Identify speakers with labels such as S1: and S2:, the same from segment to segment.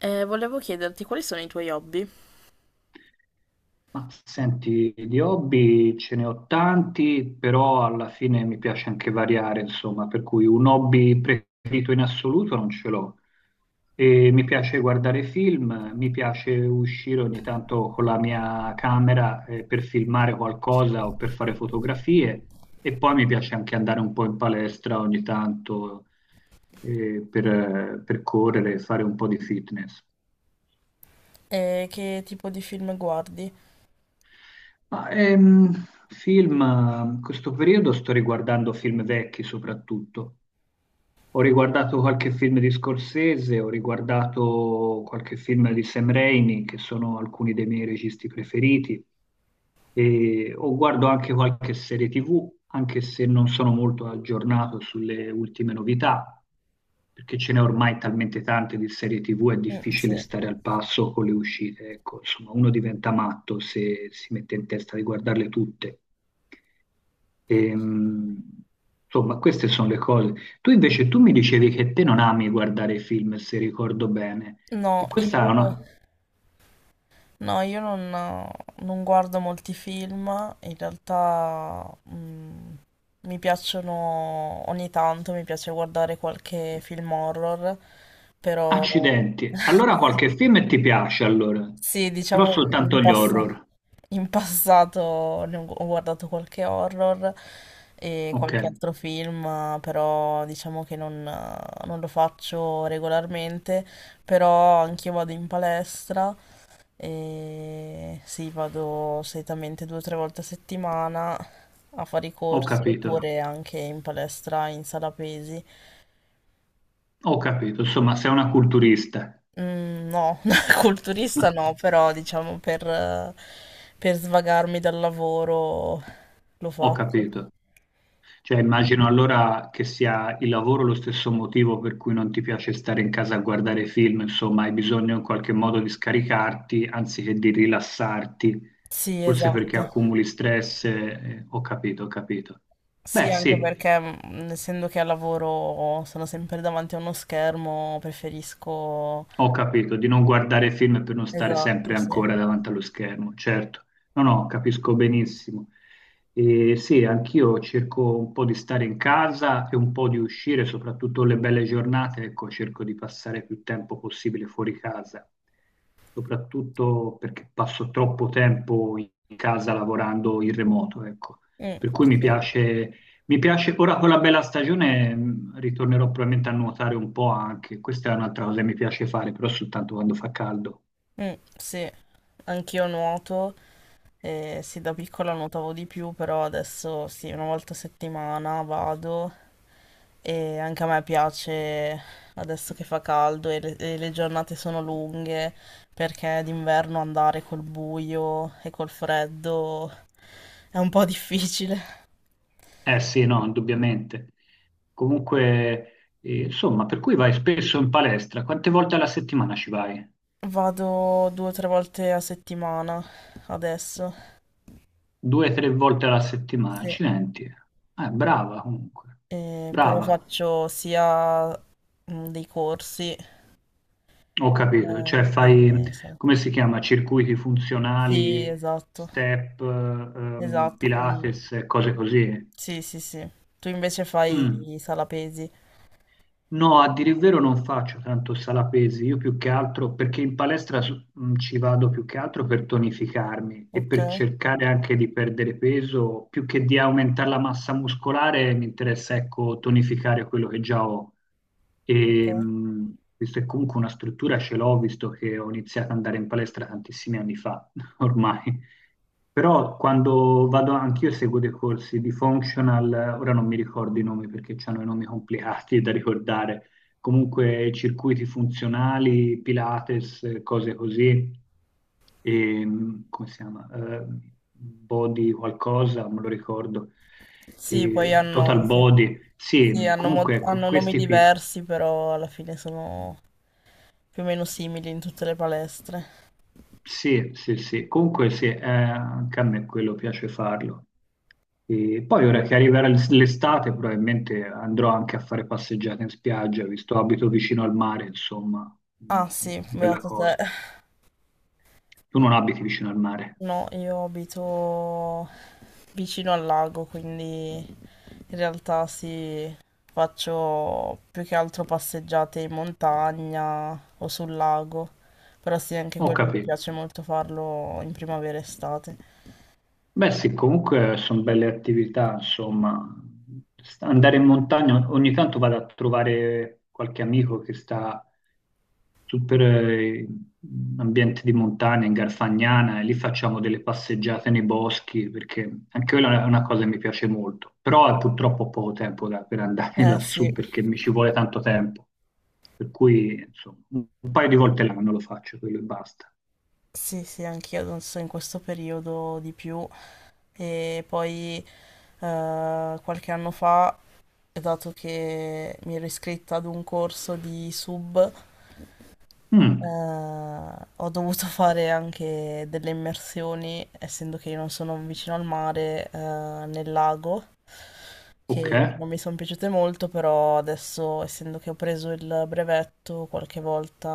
S1: Volevo chiederti quali sono i tuoi hobby?
S2: Ma senti, di hobby ce ne ho tanti, però alla fine mi piace anche variare, insomma, per cui un hobby preferito in assoluto non ce l'ho. E mi piace guardare film, mi piace uscire ogni tanto con la mia camera, per filmare qualcosa o per fare fotografie e poi mi piace anche andare un po' in palestra ogni tanto, per correre e fare un po' di fitness.
S1: E che tipo di film guardi?
S2: Ma, ehm, Questo periodo sto riguardando film vecchi soprattutto. Ho riguardato qualche film di Scorsese, ho riguardato qualche film di Sam Raimi, che sono alcuni dei miei registi preferiti, e o guardo anche qualche serie TV, anche se non sono molto aggiornato sulle ultime novità, perché ce n'è ormai talmente tante di serie TV, è
S1: Mm,
S2: difficile
S1: sì.
S2: stare al passo con le uscite. Ecco, insomma, uno diventa matto se si mette in testa di guardarle tutte. Ehm, insomma, queste sono le cose. Tu invece, tu mi dicevi che te non ami guardare film, se ricordo bene.
S1: No,
S2: E questa è
S1: io,
S2: una...
S1: no, io non guardo molti film, in realtà mi piacciono ogni tanto, mi piace guardare qualche film horror, però
S2: Accidenti. Allora qualche film ti piace, allora.
S1: sì,
S2: Però
S1: diciamo in
S2: soltanto gli
S1: passato.
S2: horror.
S1: In passato ho guardato qualche horror e
S2: Ok,
S1: qualche altro film, però diciamo che non lo faccio regolarmente, però anch'io vado in palestra e sì, vado solitamente due o tre volte a settimana a fare i
S2: ho
S1: corsi
S2: capito.
S1: oppure anche in palestra in sala pesi.
S2: Ho capito. Insomma, sei una culturista.
S1: Mm, no, culturista no, però per svagarmi dal lavoro lo
S2: Ho
S1: faccio.
S2: capito. Cioè, immagino allora che sia il lavoro lo stesso motivo per cui non ti piace stare in casa a guardare film, insomma, hai bisogno in qualche modo di scaricarti anziché di rilassarti,
S1: Sì,
S2: forse perché
S1: esatto.
S2: accumuli stress, ho capito, ho capito.
S1: Sì,
S2: Beh,
S1: anche
S2: sì,
S1: perché essendo che al lavoro sono sempre davanti a uno schermo, preferisco...
S2: ho capito, di non guardare film per non stare sempre
S1: Esatto, sì.
S2: ancora davanti allo schermo, certo. No, no, capisco benissimo. E sì, anch'io cerco un po' di stare in casa e un po' di uscire, soprattutto le belle giornate, ecco, cerco di passare più tempo possibile fuori casa, soprattutto perché passo troppo tempo in casa lavorando in remoto, ecco.
S1: Mm,
S2: Per cui mi
S1: sì.
S2: piace mi piace, ora con la bella stagione ritornerò probabilmente a nuotare un po' anche, questa è un'altra cosa che mi piace fare, però soltanto quando fa caldo.
S1: Mm, sì. Anch'io nuoto, e sì, da piccola nuotavo di più, però adesso sì, una volta a settimana vado e anche a me piace adesso che fa caldo e le giornate sono lunghe, perché d'inverno andare col buio e col freddo è un po' difficile.
S2: Eh sì, no, indubbiamente. Comunque, insomma, per cui vai spesso in palestra, quante volte alla settimana ci vai?
S1: Vado due o tre volte a settimana adesso,
S2: Due, tre volte alla settimana,
S1: sì.
S2: accidenti. Brava comunque,
S1: Però
S2: brava,
S1: faccio sia dei corsi
S2: ho capito, cioè
S1: eh,
S2: fai,
S1: che... so-
S2: come si chiama, circuiti
S1: Sì,
S2: funzionali,
S1: esatto,
S2: step,
S1: esatto, quelli lì.
S2: Pilates, cose così.
S1: Sì, sì, sì. Tu invece fai
S2: Mm.
S1: sala pesi,
S2: No, a dire il vero non faccio tanto sala pesi, io più che altro perché in palestra ci vado più che altro per tonificarmi e
S1: ok?
S2: per cercare anche di perdere peso, più che di aumentare la massa muscolare, mi interessa ecco tonificare quello che già ho.
S1: Ok.
S2: E, visto che comunque una struttura ce l'ho, visto che ho iniziato ad andare in palestra tantissimi anni fa, ormai. Però quando vado, anch'io seguo dei corsi di functional, ora non mi ricordo i nomi perché hanno i nomi complicati da ricordare, comunque circuiti funzionali, Pilates, cose così, e, come si chiama? Body qualcosa, me lo ricordo,
S1: Sì, poi
S2: e
S1: hanno,
S2: total
S1: sì,
S2: body,
S1: sì,
S2: sì,
S1: hanno,
S2: comunque ecco,
S1: hanno nomi
S2: questi qui.
S1: diversi, però alla fine sono più o meno simili in tutte le palestre.
S2: Sì, sì, sì, comunque sì, anche a me quello piace farlo. E poi ora che arriverà l'estate probabilmente andrò anche a fare passeggiate in spiaggia, visto abito vicino al mare, insomma, mm,
S1: Ah sì,
S2: bella
S1: beato te.
S2: cosa. Tu non abiti vicino al mare?
S1: No, io abito vicino al lago, quindi in realtà sì, faccio più che altro passeggiate in montagna o sul lago, però sì, anche
S2: Ho
S1: quello mi
S2: capito.
S1: piace molto farlo in primavera e estate.
S2: Beh sì, comunque sono belle attività, insomma. Andare in montagna, ogni tanto vado a trovare qualche amico che sta super ambiente di montagna, in Garfagnana, e lì facciamo delle passeggiate nei boschi, perché anche quella è una cosa che mi piace molto, però è purtroppo poco tempo per andare
S1: Eh sì,
S2: lassù, perché mi ci vuole tanto tempo, per cui insomma, un paio di volte l'anno lo faccio, quello e basta.
S1: sì, sì, anch'io adesso in questo periodo di più e poi qualche anno fa, dato che mi ero iscritta ad un corso di sub,
S2: Mm,
S1: Eh, ho dovuto fare anche delle immersioni, essendo che io non sono vicino al mare, nel lago,
S2: ok,
S1: che non mi sono piaciute molto, però adesso, essendo che ho preso il brevetto, qualche volta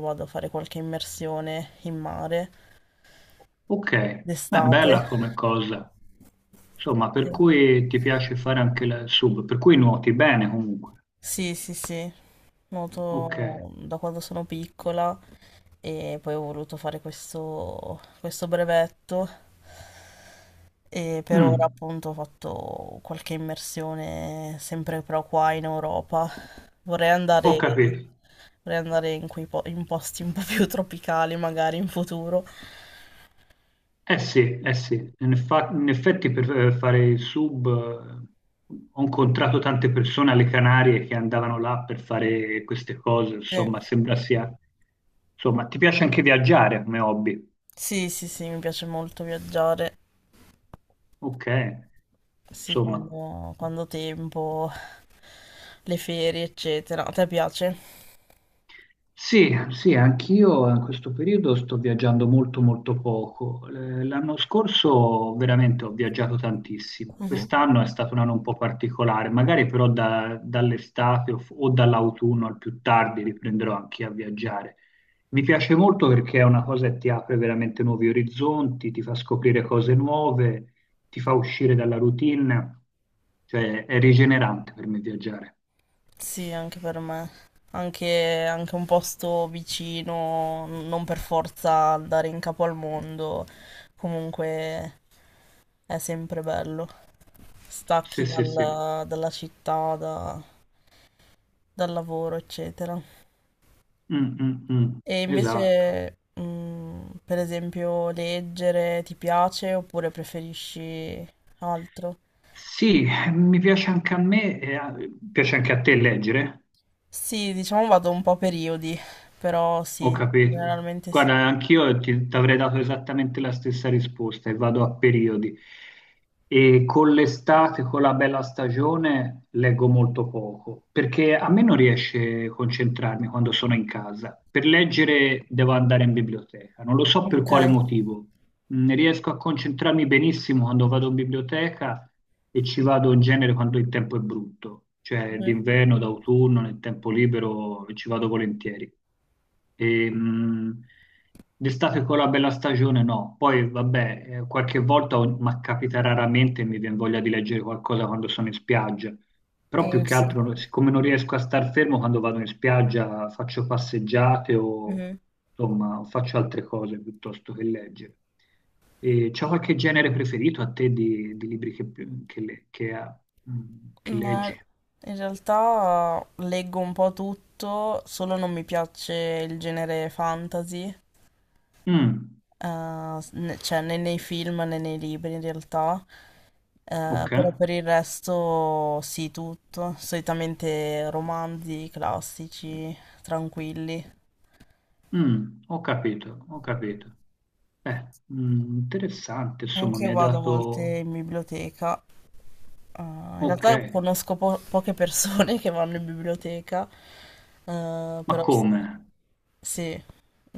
S1: vado a fare qualche immersione in mare
S2: ok, beh,
S1: d'estate.
S2: bella come cosa. Insomma, per
S1: Sì,
S2: cui ti piace fare anche il sub, per cui nuoti bene comunque.
S1: sì, sì, sì.
S2: Ok,
S1: Nuoto da quando sono piccola e poi ho voluto fare questo brevetto. E per ora
S2: mm,
S1: appunto ho fatto qualche immersione sempre però qua in Europa. Vorrei
S2: ho
S1: andare,
S2: capito.
S1: vorrei andare in posti un po' più tropicali magari in futuro.
S2: Sì, eh sì, in, in effetti per fare il sub ho incontrato tante persone alle Canarie che andavano là per fare queste cose,
S1: Sì,
S2: insomma, sembra sia... Insomma, ti piace anche viaggiare come hobby?
S1: sì, sì, sì, mi piace molto viaggiare.
S2: Ok,
S1: Sì,
S2: insomma.
S1: quando ho tempo, le ferie, eccetera. A te piace?
S2: Sì, sì, anch'io in questo periodo sto viaggiando molto poco. L'anno scorso veramente ho viaggiato tantissimo.
S1: Mhm.
S2: Quest'anno è stato un anno un po' particolare, magari però dall'estate o, o dall'autunno al più tardi riprenderò anche a viaggiare. Mi piace molto perché è una cosa che ti apre veramente nuovi orizzonti, ti fa scoprire cose nuove, ti fa uscire dalla routine, cioè è rigenerante per me viaggiare.
S1: Sì, anche per me. Anche, anche un posto vicino, non per forza andare in capo al mondo, comunque è sempre bello. Stacchi
S2: Sì, sì, sì.
S1: dalla città, dal lavoro, eccetera.
S2: Mm, mm, mm.
S1: E
S2: Esatto.
S1: invece, per esempio, leggere ti piace oppure preferisci altro?
S2: Sì, mi piace anche a me, e piace anche a te leggere,
S1: Sì, diciamo vado un po' a periodi, però
S2: ho
S1: sì,
S2: capito.
S1: generalmente sì.
S2: Guarda, anch'io ti, ti avrei dato esattamente la stessa risposta e vado a periodi. E con l'estate, con la bella stagione, leggo molto poco, perché a me non riesce a concentrarmi quando sono in casa. Per leggere devo andare in biblioteca, non lo so per
S1: Ok.
S2: quale motivo. Mm, riesco a concentrarmi benissimo quando vado in biblioteca e ci vado in genere quando il tempo è brutto, cioè
S1: Mhm.
S2: d'inverno, d'autunno, nel tempo libero ci vado volentieri. E, d'estate con la bella stagione no, poi vabbè, qualche volta, ma capita raramente, mi viene voglia di leggere qualcosa quando sono in spiaggia, però più
S1: Mm,
S2: che
S1: sì.
S2: altro, siccome non riesco a star fermo quando vado in spiaggia, faccio passeggiate o insomma faccio altre cose piuttosto che leggere. E c'è qualche genere preferito a te di libri che le- che ha- mm, che
S1: Ma
S2: leggi?
S1: in realtà leggo un po' tutto, solo non mi piace il genere fantasy,
S2: Mm,
S1: cioè né nei film né nei libri in realtà.
S2: ok,
S1: Però per il resto sì, tutto, solitamente romanzi classici, tranquilli.
S2: mm, ho capito, ho capito. Mm, interessante, insomma,
S1: Anche
S2: mi
S1: io
S2: hai
S1: vado a volte
S2: dato...
S1: in biblioteca, in
S2: Ok,
S1: realtà conosco poche persone che vanno in biblioteca,
S2: ma
S1: però sì.
S2: come?
S1: Sì.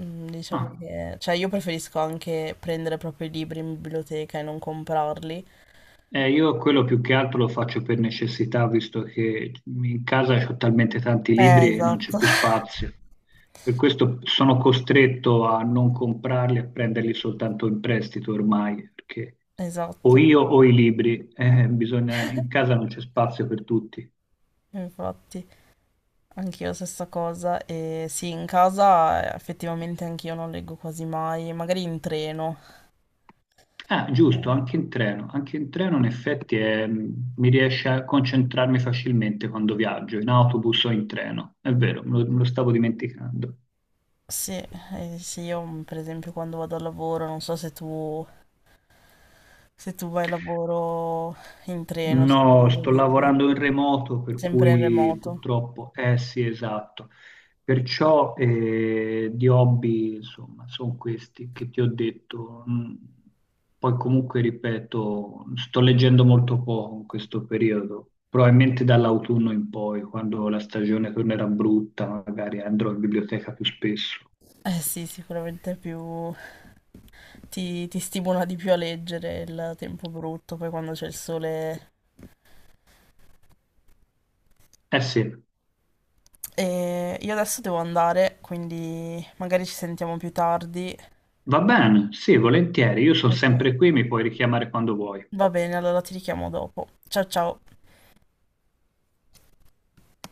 S1: Mm, diciamo
S2: Ah.
S1: che, cioè io preferisco anche prendere proprio i libri in biblioteca e non comprarli.
S2: Io quello più che altro lo faccio per necessità, visto che in casa ho talmente tanti libri che non c'è
S1: Esatto.
S2: più spazio. Per questo sono costretto a non comprarli, a prenderli soltanto in prestito ormai, perché o
S1: Esatto.
S2: io o i libri, in casa non c'è spazio per tutti.
S1: Infatti, anch'io stessa cosa. E sì, in casa effettivamente anch'io non leggo quasi mai, magari in treno.
S2: Ah, giusto,
S1: Eh,
S2: anche in treno. Anche in treno in effetti mi riesce a concentrarmi facilmente quando viaggio, in autobus o in treno. È vero, me lo stavo dimenticando.
S1: sì, sì, io per esempio quando vado al lavoro, non so se tu, se tu vai al lavoro in treno, se
S2: No,
S1: vedo
S2: sto
S1: di-
S2: lavorando in remoto, per
S1: sempre in
S2: cui
S1: remoto.
S2: purtroppo, eh sì, esatto. Perciò di hobby, insomma, sono questi che ti ho detto. Mm, poi comunque, ripeto, sto leggendo molto poco in questo periodo, probabilmente dall'autunno in poi, quando la stagione tornerà brutta, magari andrò in biblioteca più spesso.
S1: Eh sì, sicuramente è più, ti stimola di più a leggere il tempo brutto, poi quando c'è il sole.
S2: Eh sì,
S1: E io adesso devo andare, quindi magari ci sentiamo più tardi.
S2: va bene, sì, volentieri, io sono
S1: Ok.
S2: sempre qui, mi puoi richiamare quando vuoi.
S1: Va bene, allora ti richiamo dopo. Ciao ciao.